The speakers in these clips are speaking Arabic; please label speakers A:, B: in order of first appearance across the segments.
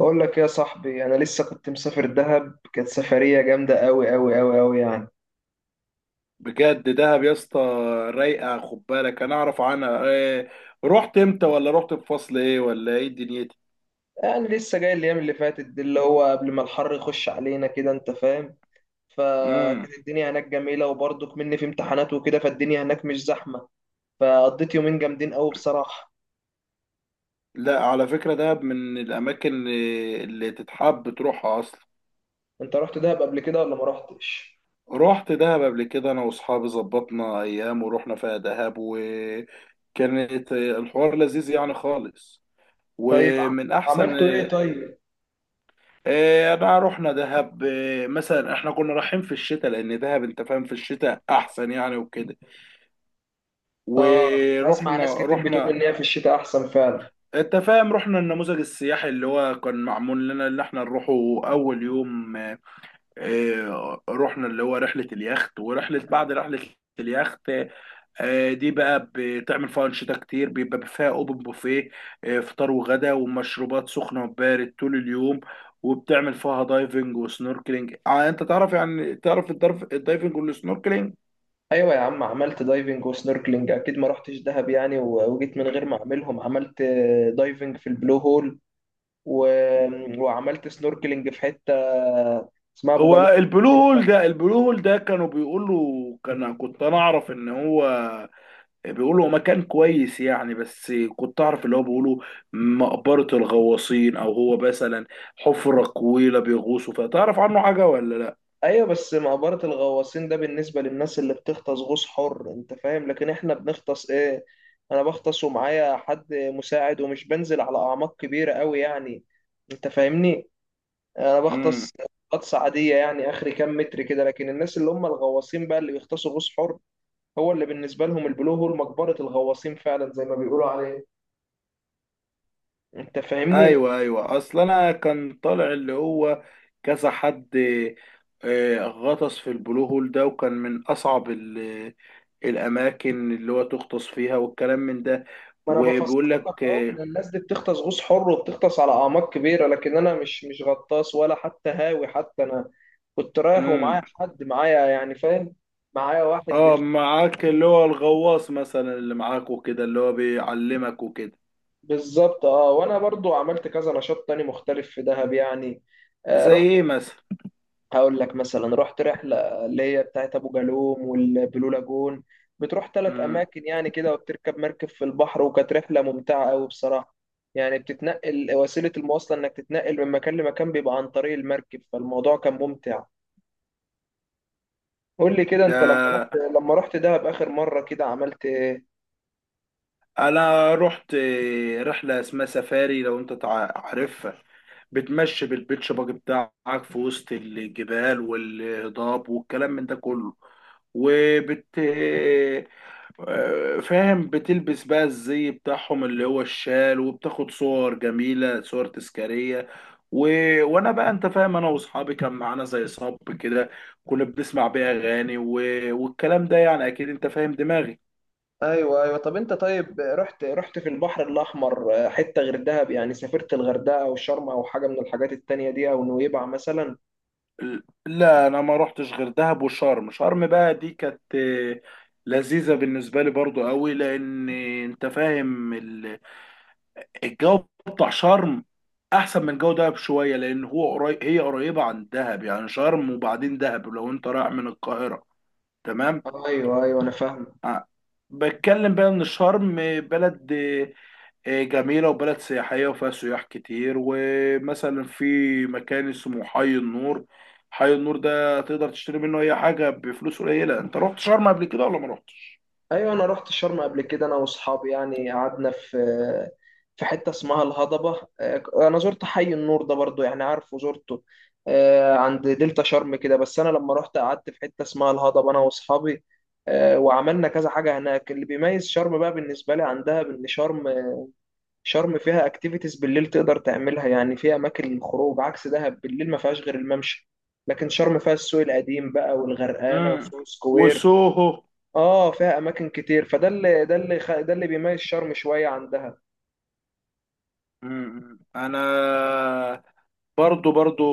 A: بقول لك يا صاحبي، انا لسه كنت مسافر دهب. كانت سفريه جامده قوي قوي قوي قوي يعني.
B: بجد دهب يا اسطى، رايقه. خد بالك، انا اعرف عنها إيه. رحت امتى؟ ولا رحت في فصل ايه؟ ولا ايه دنيتي؟
A: لسه جاي الايام اللي فاتت دي اللي هو قبل ما الحر يخش علينا كده، انت فاهم.
B: امم.
A: فكانت الدنيا هناك جميله، وبرضك مني في امتحانات وكده، فالدنيا هناك مش زحمه. فقضيت يومين جامدين قوي بصراحه.
B: لا، على فكره، دهب من الاماكن اللي تتحب تروحها اصلا.
A: انت رحت دهب قبل كده ولا ما رحتش؟
B: رحت دهب قبل كده، انا واصحابي ظبطنا ايام ورحنا فيها دهب، وكانت الحوار لذيذ يعني خالص
A: طيب.
B: ومن احسن.
A: عملتوا ايه طيب؟
B: إيه، انا رحنا دهب، إيه مثلا احنا كنا رايحين في الشتاء، لان دهب انت فاهم في الشتاء احسن يعني وكده،
A: اه. بسمع ناس
B: ورحنا
A: كتير بتقول
B: رحنا
A: ان هي في الشتاء احسن فعلا.
B: انت فاهم، رحنا النموذج السياحي اللي هو كان معمول لنا، اللي احنا نروحه. اول يوم رحنا اللي هو رحلة اليخت، ورحلة بعد رحلة اليخت. اه، دي بقى بتعمل فيها انشطة كتير، بيبقى فيها اوبن بوفيه، اه، فطار وغدا ومشروبات سخنة وبارد طول اليوم. وبتعمل فيها دايفنج وسنوركلينج. اه، انت تعرف، يعني تعرف الدايفنج والسنوركلينج.
A: ايوه يا عم، عملت دايفنج وسنوركلينج اكيد. ما رحتش دهب يعني و- وجيت من غير ما اعملهم. عملت دايفنج في البلو هول و... وعملت سنوركلينج في حته اسمها ابو جالوم.
B: هو البلو هول ده، كانوا بيقولوا، كنت انا اعرف ان هو بيقولوا مكان كويس يعني، بس كنت اعرف اللي هو بيقولوا مقبرة الغواصين، او هو مثلا حفرة طويلة بيغوصوا فيها. تعرف عنه حاجة ولا لا؟
A: ايوه، بس مقبره الغواصين ده بالنسبه للناس اللي بتغطس غوص حر، انت فاهم. لكن احنا بنغطس ايه؟ انا بغطس ومعايا حد مساعد، ومش بنزل على اعماق كبيره قوي يعني. انت فاهمني؟ انا
B: امم.
A: بغطس غطس عاديه يعني، اخري كام متر كده. لكن الناس اللي هم الغواصين بقى، اللي بيغطسوا غوص حر، هو اللي بالنسبة لهم البلو هول مقبرة الغواصين فعلا زي ما بيقولوا عليه. انت فاهمني؟
B: ايوه، ايوه، اصل انا كان طالع اللي هو كذا حد غطس في البلو هول ده، وكان من اصعب الاماكن اللي هو تغطس فيها والكلام من ده.
A: ما انا بفسر
B: وبيقول لك.
A: لك اهو، ان الناس دي بتغطس غوص حر وبتغطس على اعماق كبيرة، لكن انا مش غطاس ولا حتى هاوي. حتى انا كنت رايح ومعايا حد معايا يعني، فاهم؟ معايا واحد
B: اه،
A: بيغطس.
B: معاك اللي هو الغواص مثلا اللي معاك وكده، اللي هو بيعلمك وكده.
A: بالظبط اه. وانا برضو عملت كذا نشاط تاني مختلف في دهب يعني.
B: زي
A: رحت.
B: ايه مثلا؟
A: هقول لك مثلا. رحت رحلة اللي هي بتاعت أبو جالوم والبلو لاجون. بتروح ثلاث
B: امم.
A: أماكن يعني كده، وبتركب مركب في البحر. وكانت رحلة ممتعة أوي بصراحة. يعني بتتنقل، وسيلة المواصلة إنك تتنقل من مكان لمكان بيبقى عن طريق المركب، فالموضوع كان ممتع. قول لي كده أنت، لما رحت
B: ده
A: لما رحت دهب آخر مرة كده عملت إيه؟
B: انا رحت رحله اسمها سفاري، لو انت عارفها. بتمشي بالبيتش باجي بتاعك في وسط الجبال والهضاب والكلام من ده كله. وبت... فاهم، بتلبس بقى الزي بتاعهم اللي هو الشال، وبتاخد صور جميلة، صور تذكارية و... وانا بقى انت فاهم، انا واصحابي كان معانا زي صب كده، كنا بنسمع بيه اغاني والكلام ده، يعني اكيد انت فاهم دماغي.
A: أيوه أيوه. طب أنت طيب، رحت في البحر الأحمر حتة غير دهب يعني؟ سافرت الغردقة أو شرم أو حاجة من الحاجات التانية دي، أو نويبع مثلا؟
B: لا، انا ما روحتش غير دهب وشرم. شرم بقى دي كانت لذيذة بالنسبة لي برضو قوي، لان انت فاهم الجو بتاع شرم احسن من جو دهب شويه، لان هو قريب، هي قريبه عن دهب يعني، شرم وبعدين دهب لو انت رايح من القاهره. تمام.
A: أيوه أيوه، أنا فاهم.
B: آه. بتكلم بقى ان شرم بلد جميله، وبلد سياحيه، وفيها سياح كتير، ومثلا في مكان اسمه حي النور. حي النور ده تقدر تشتري منه اي حاجه بفلوس قليله. انت رحت شرم قبل كده ولا ما رحتش؟
A: ايوه، انا رحت شرم قبل كده انا واصحابي يعني. قعدنا في حته اسمها الهضبه. انا زرت حي النور ده برضو، يعني عارفه، زرته عند دلتا شرم كده. بس انا لما رحت قعدت في حته اسمها الهضبه انا واصحابي. وعملنا كذا حاجه هناك. اللي بيميز شرم بقى بالنسبه لي عندها، بان شرم فيها اكتيفيتيز بالليل تقدر تعملها يعني. فيها اماكن للخروج عكس دهب، بالليل ما فيهاش غير الممشى. لكن شرم فيها السوق القديم بقى والغرقانه
B: امم.
A: وسوق سكوير.
B: وسوهو.
A: اه، فيها اماكن كتير. فده اللي ده اللي بيميز شرم شويه عن دهب.
B: امم، انا برضو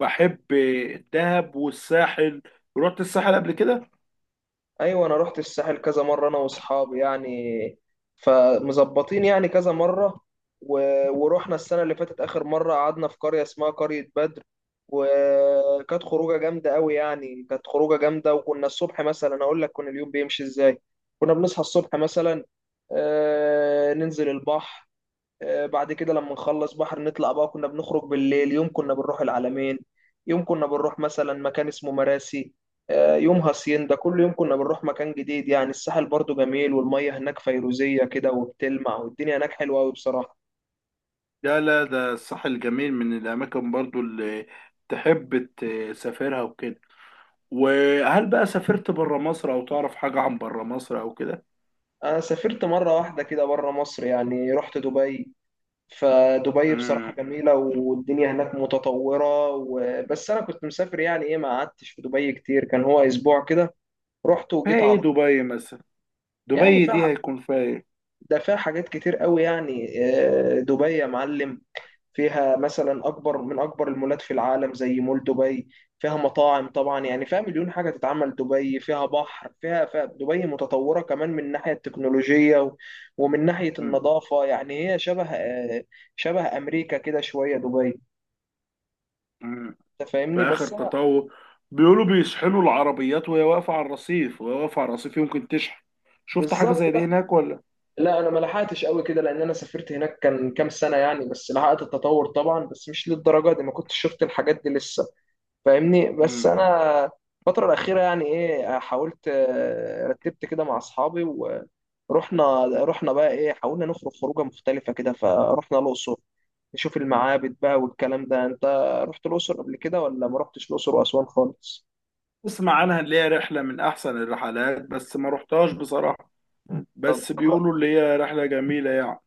B: بحب الدهب والساحل. رحت الساحل قبل كده؟
A: ايوه، انا رحت الساحل كذا مره انا واصحابي يعني. فمظبطين يعني كذا مره. و... ورحنا السنه اللي فاتت اخر مره، قعدنا في قريه اسمها قريه بدر. وكانت خروجه جامده قوي يعني. كانت خروجه جامده. وكنا الصبح مثلا، اقول لك كنا اليوم بيمشي ازاي. كنا بنصحى الصبح مثلا، ننزل البحر. بعد كده لما نخلص بحر نطلع بقى، كنا بنخرج بالليل. يوم كنا بنروح العلمين، يوم كنا بنروح مثلا مكان اسمه مراسي، يوم هاسيندا. كل يوم كنا بنروح مكان جديد. يعني الساحل برضو جميل، والمية هناك فيروزية كده وبتلمع، والدنيا هناك حلوة أوي بصراحة.
B: لا، لا، ده الساحل جميل، من الاماكن برضو اللي تحب تسافرها وكده. وهل بقى سافرت بره مصر او تعرف حاجة عن بره مصر او كده؟
A: أنا سافرت مرة واحدة كده بره مصر يعني، رحت دبي. فدبي بصراحة
B: امم.
A: جميلة، والدنيا هناك متطورة بس أنا كنت مسافر يعني، إيه، ما قعدتش في دبي كتير، كان هو أسبوع كده. رحت
B: فيها
A: وجيت على
B: ايه
A: طول.
B: دبي مثلا؟
A: يعني
B: دبي دي
A: فيها
B: هيكون فيها ايه؟
A: ده فيها حاجات كتير قوي يعني. دبي يا معلم، فيها مثلا اكبر من اكبر المولات في العالم زي مول دبي. فيها مطاعم طبعا، يعني فيها مليون حاجه تتعمل. دبي فيها بحر، فيها دبي متطوره كمان من ناحيه التكنولوجيا و- ومن ناحيه
B: مم.
A: النظافه. يعني هي شبه شبه امريكا كده شويه دبي.
B: مم.
A: انت
B: في
A: فاهمني
B: اخر
A: بس انا.
B: تطور بيقولوا بيشحنوا العربيات وهي واقفة على الرصيف، يمكن تشحن. شفت حاجة
A: بالظبط.
B: زي دي
A: لا،
B: هناك ولا؟
A: لا، انا ما لحقتش قوي كده، لان انا سافرت هناك كان كام سنه يعني، بس لحقت التطور طبعا، بس مش للدرجه دي. ما كنتش شفت الحاجات دي لسه. فاهمني بس
B: مم.
A: انا. الفتره الاخيره يعني، ايه، حاولت، رتبت كده مع اصحابي ورحنا بقى، ايه، حاولنا نخرج خروجه مختلفه كده، فرحنا الاقصر نشوف المعابد بقى والكلام ده. انت رحت الاقصر قبل كده ولا ما رحتش الاقصر واسوان خالص؟
B: اسمع عنها اللي هي رحلة من أحسن الرحلات، بس ما رحتهاش بصراحة،
A: طب
B: بس
A: طب
B: بيقولوا اللي هي رحلة جميلة يعني.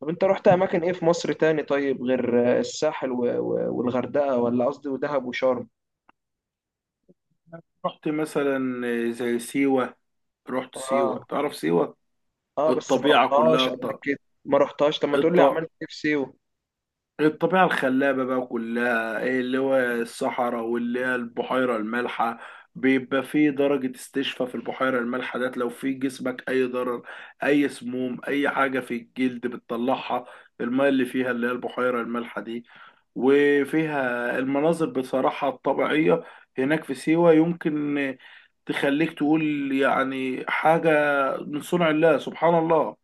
A: طب انت رحت اماكن ايه في مصر تاني؟ طيب، غير الساحل و- و- والغردقه، ولا قصدي، ودهب وشرم.
B: رحت مثلا زي سيوة. رحت سيوة؟
A: اه.
B: تعرف سيوة؟
A: اه، بس ما
B: الطبيعة كلها
A: رحتهاش قبل كده. ما رحتهاش، طب ما تقول لي
B: الط...
A: عملت ايه في سيوه.
B: الطبيعة الخلابة بقى كلها، إيه اللي هو الصحراء، واللي هي البحيرة المالحة. بيبقى فيه درجة استشفاء في البحيرة المالحة ديت، لو في جسمك أي ضرر، أي سموم، أي حاجة في الجلد بتطلعها الماء اللي فيها اللي هي البحيرة المالحة دي. وفيها المناظر بصراحة الطبيعية هناك في سيوة، يمكن تخليك تقول يعني حاجة من صنع الله، سبحان الله.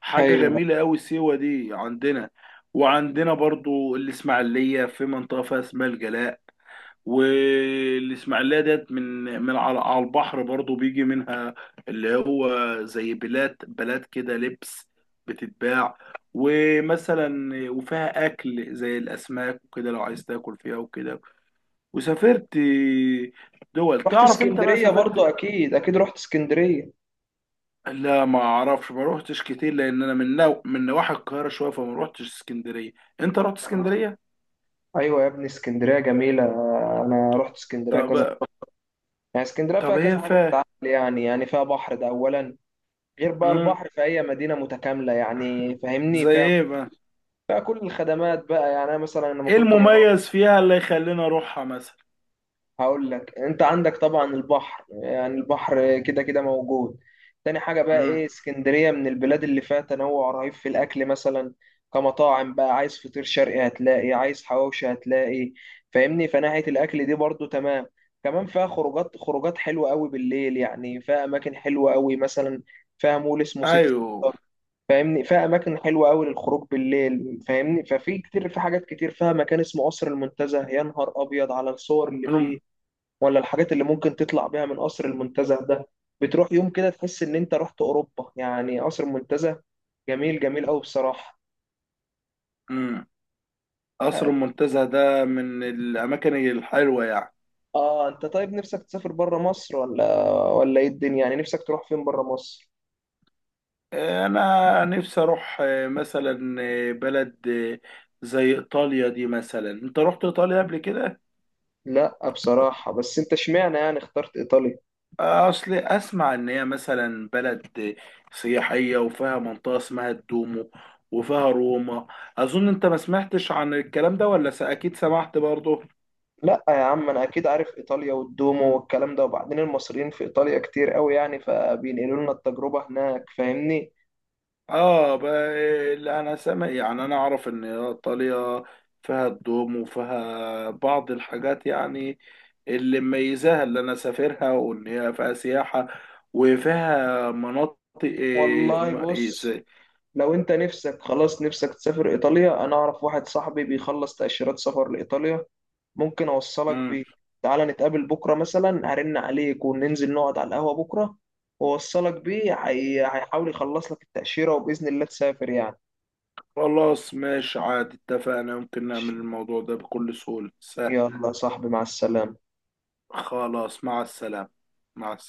B: حاجة
A: ايوه،
B: جميلة أوي سيوة دي عندنا. وعندنا برضو الإسماعيلية، في منطقة فيها اسمها الجلاء. والإسماعيلية ديت من على البحر برضو بيجي منها اللي هو زي بلاد بلاد كده، لبس بتتباع. ومثلا وفيها أكل زي الأسماك وكده، لو عايز تاكل فيها وكده. وسافرت دول،
A: رحت
B: تعرف أنت بقى
A: اسكندرية برضو
B: سافرت؟
A: أكيد أكيد. رحت اسكندرية.
B: لا، ما اعرفش، ما روحتش كتير لان انا من من نواحي القاهره شويه، فما روحتش اسكندريه. انت رحت اسكندريه؟
A: أيوة يا ابني، اسكندرية جميلة. أنا رحت اسكندرية كذا.
B: طب.
A: يعني اسكندرية فيها
B: طب، هي
A: كذا حاجة
B: فا...
A: تتعمل. يعني فيها بحر ده أولا. غير بقى
B: مم.
A: البحر، في أي مدينة متكاملة يعني، فاهمني،
B: زي
A: فيها
B: ايه بقى؟
A: فيها كل الخدمات بقى يعني. أنا مثلا لما
B: ايه
A: كنت بروح.
B: المميز فيها اللي يخلينا اروحها مثلا؟
A: هقول لك. انت عندك طبعا البحر. يعني البحر كده كده موجود. تاني حاجة بقى،
B: مم.
A: ايه، اسكندرية من البلاد اللي فيها تنوع رهيب في الاكل مثلا. كمطاعم بقى، عايز فطير شرقي هتلاقي، عايز حواوشي هتلاقي. فاهمني، فناحية الاكل دي برضو تمام. كمان فيها خروجات خروجات حلوة قوي بالليل يعني، فيها اماكن حلوة قوي. مثلا فيها مول اسمه سيتي
B: ايوه.
A: ستار. فاهمني، فيها اماكن حلوة قوي للخروج بالليل. فاهمني، ففي كتير في حاجات كتير. فيها مكان اسمه قصر المنتزه، يا نهار ابيض على الصور اللي
B: الم-
A: فيه ولا الحاجات اللي ممكن تطلع بيها من قصر المنتزه ده. بتروح يوم كده تحس ان انت رحت اوروبا يعني. قصر المنتزه جميل جميل قوي بصراحه.
B: مم. قصر
A: اه.
B: المنتزه ده من الاماكن الحلوه يعني.
A: انت طيب، نفسك تسافر بره مصر ولا ايه الدنيا؟ يعني نفسك تروح فين بره مصر؟
B: انا نفسي اروح مثلا بلد زي ايطاليا دي مثلا. انت رحت ايطاليا قبل كده؟
A: لا بصراحه. بس انت اشمعنى يعني اخترت ايطاليا؟
B: اصل اسمع ان هي مثلا بلد سياحيه، وفيها منطقه اسمها الدومو، وفيها روما. اظن انت ما سمعتش عن الكلام ده، ولا اكيد سمعت برضه؟
A: لا يا عم، انا اكيد عارف ايطاليا والدومو والكلام ده. وبعدين المصريين في ايطاليا كتير قوي يعني، فبينقلوا لنا التجربه هناك. فاهمني.
B: اه، اللي انا سامع يعني، انا اعرف ان ايطاليا فيها الدومو وفيها بعض الحاجات يعني، اللي مميزاها اللي انا سافرها وان هي فيها سياحه، وفيها مناطق إيه،
A: والله
B: إيه،
A: بص. لو انت نفسك خلاص، نفسك تسافر ايطاليا، انا اعرف واحد صاحبي بيخلص تأشيرات سفر لايطاليا، ممكن اوصلك بيه. تعالى نتقابل بكره مثلا، هرن عليك وننزل نقعد على القهوه بكره، واوصلك بيه. هيحاول يخلص لك التأشيرة، وبإذن الله تسافر يعني.
B: خلاص ماشي عادي، اتفقنا، ممكن نعمل الموضوع ده بكل سهولة، سهل.
A: يلا يا صاحبي، مع السلامة.
B: خلاص، مع السلامة. مع السلامة.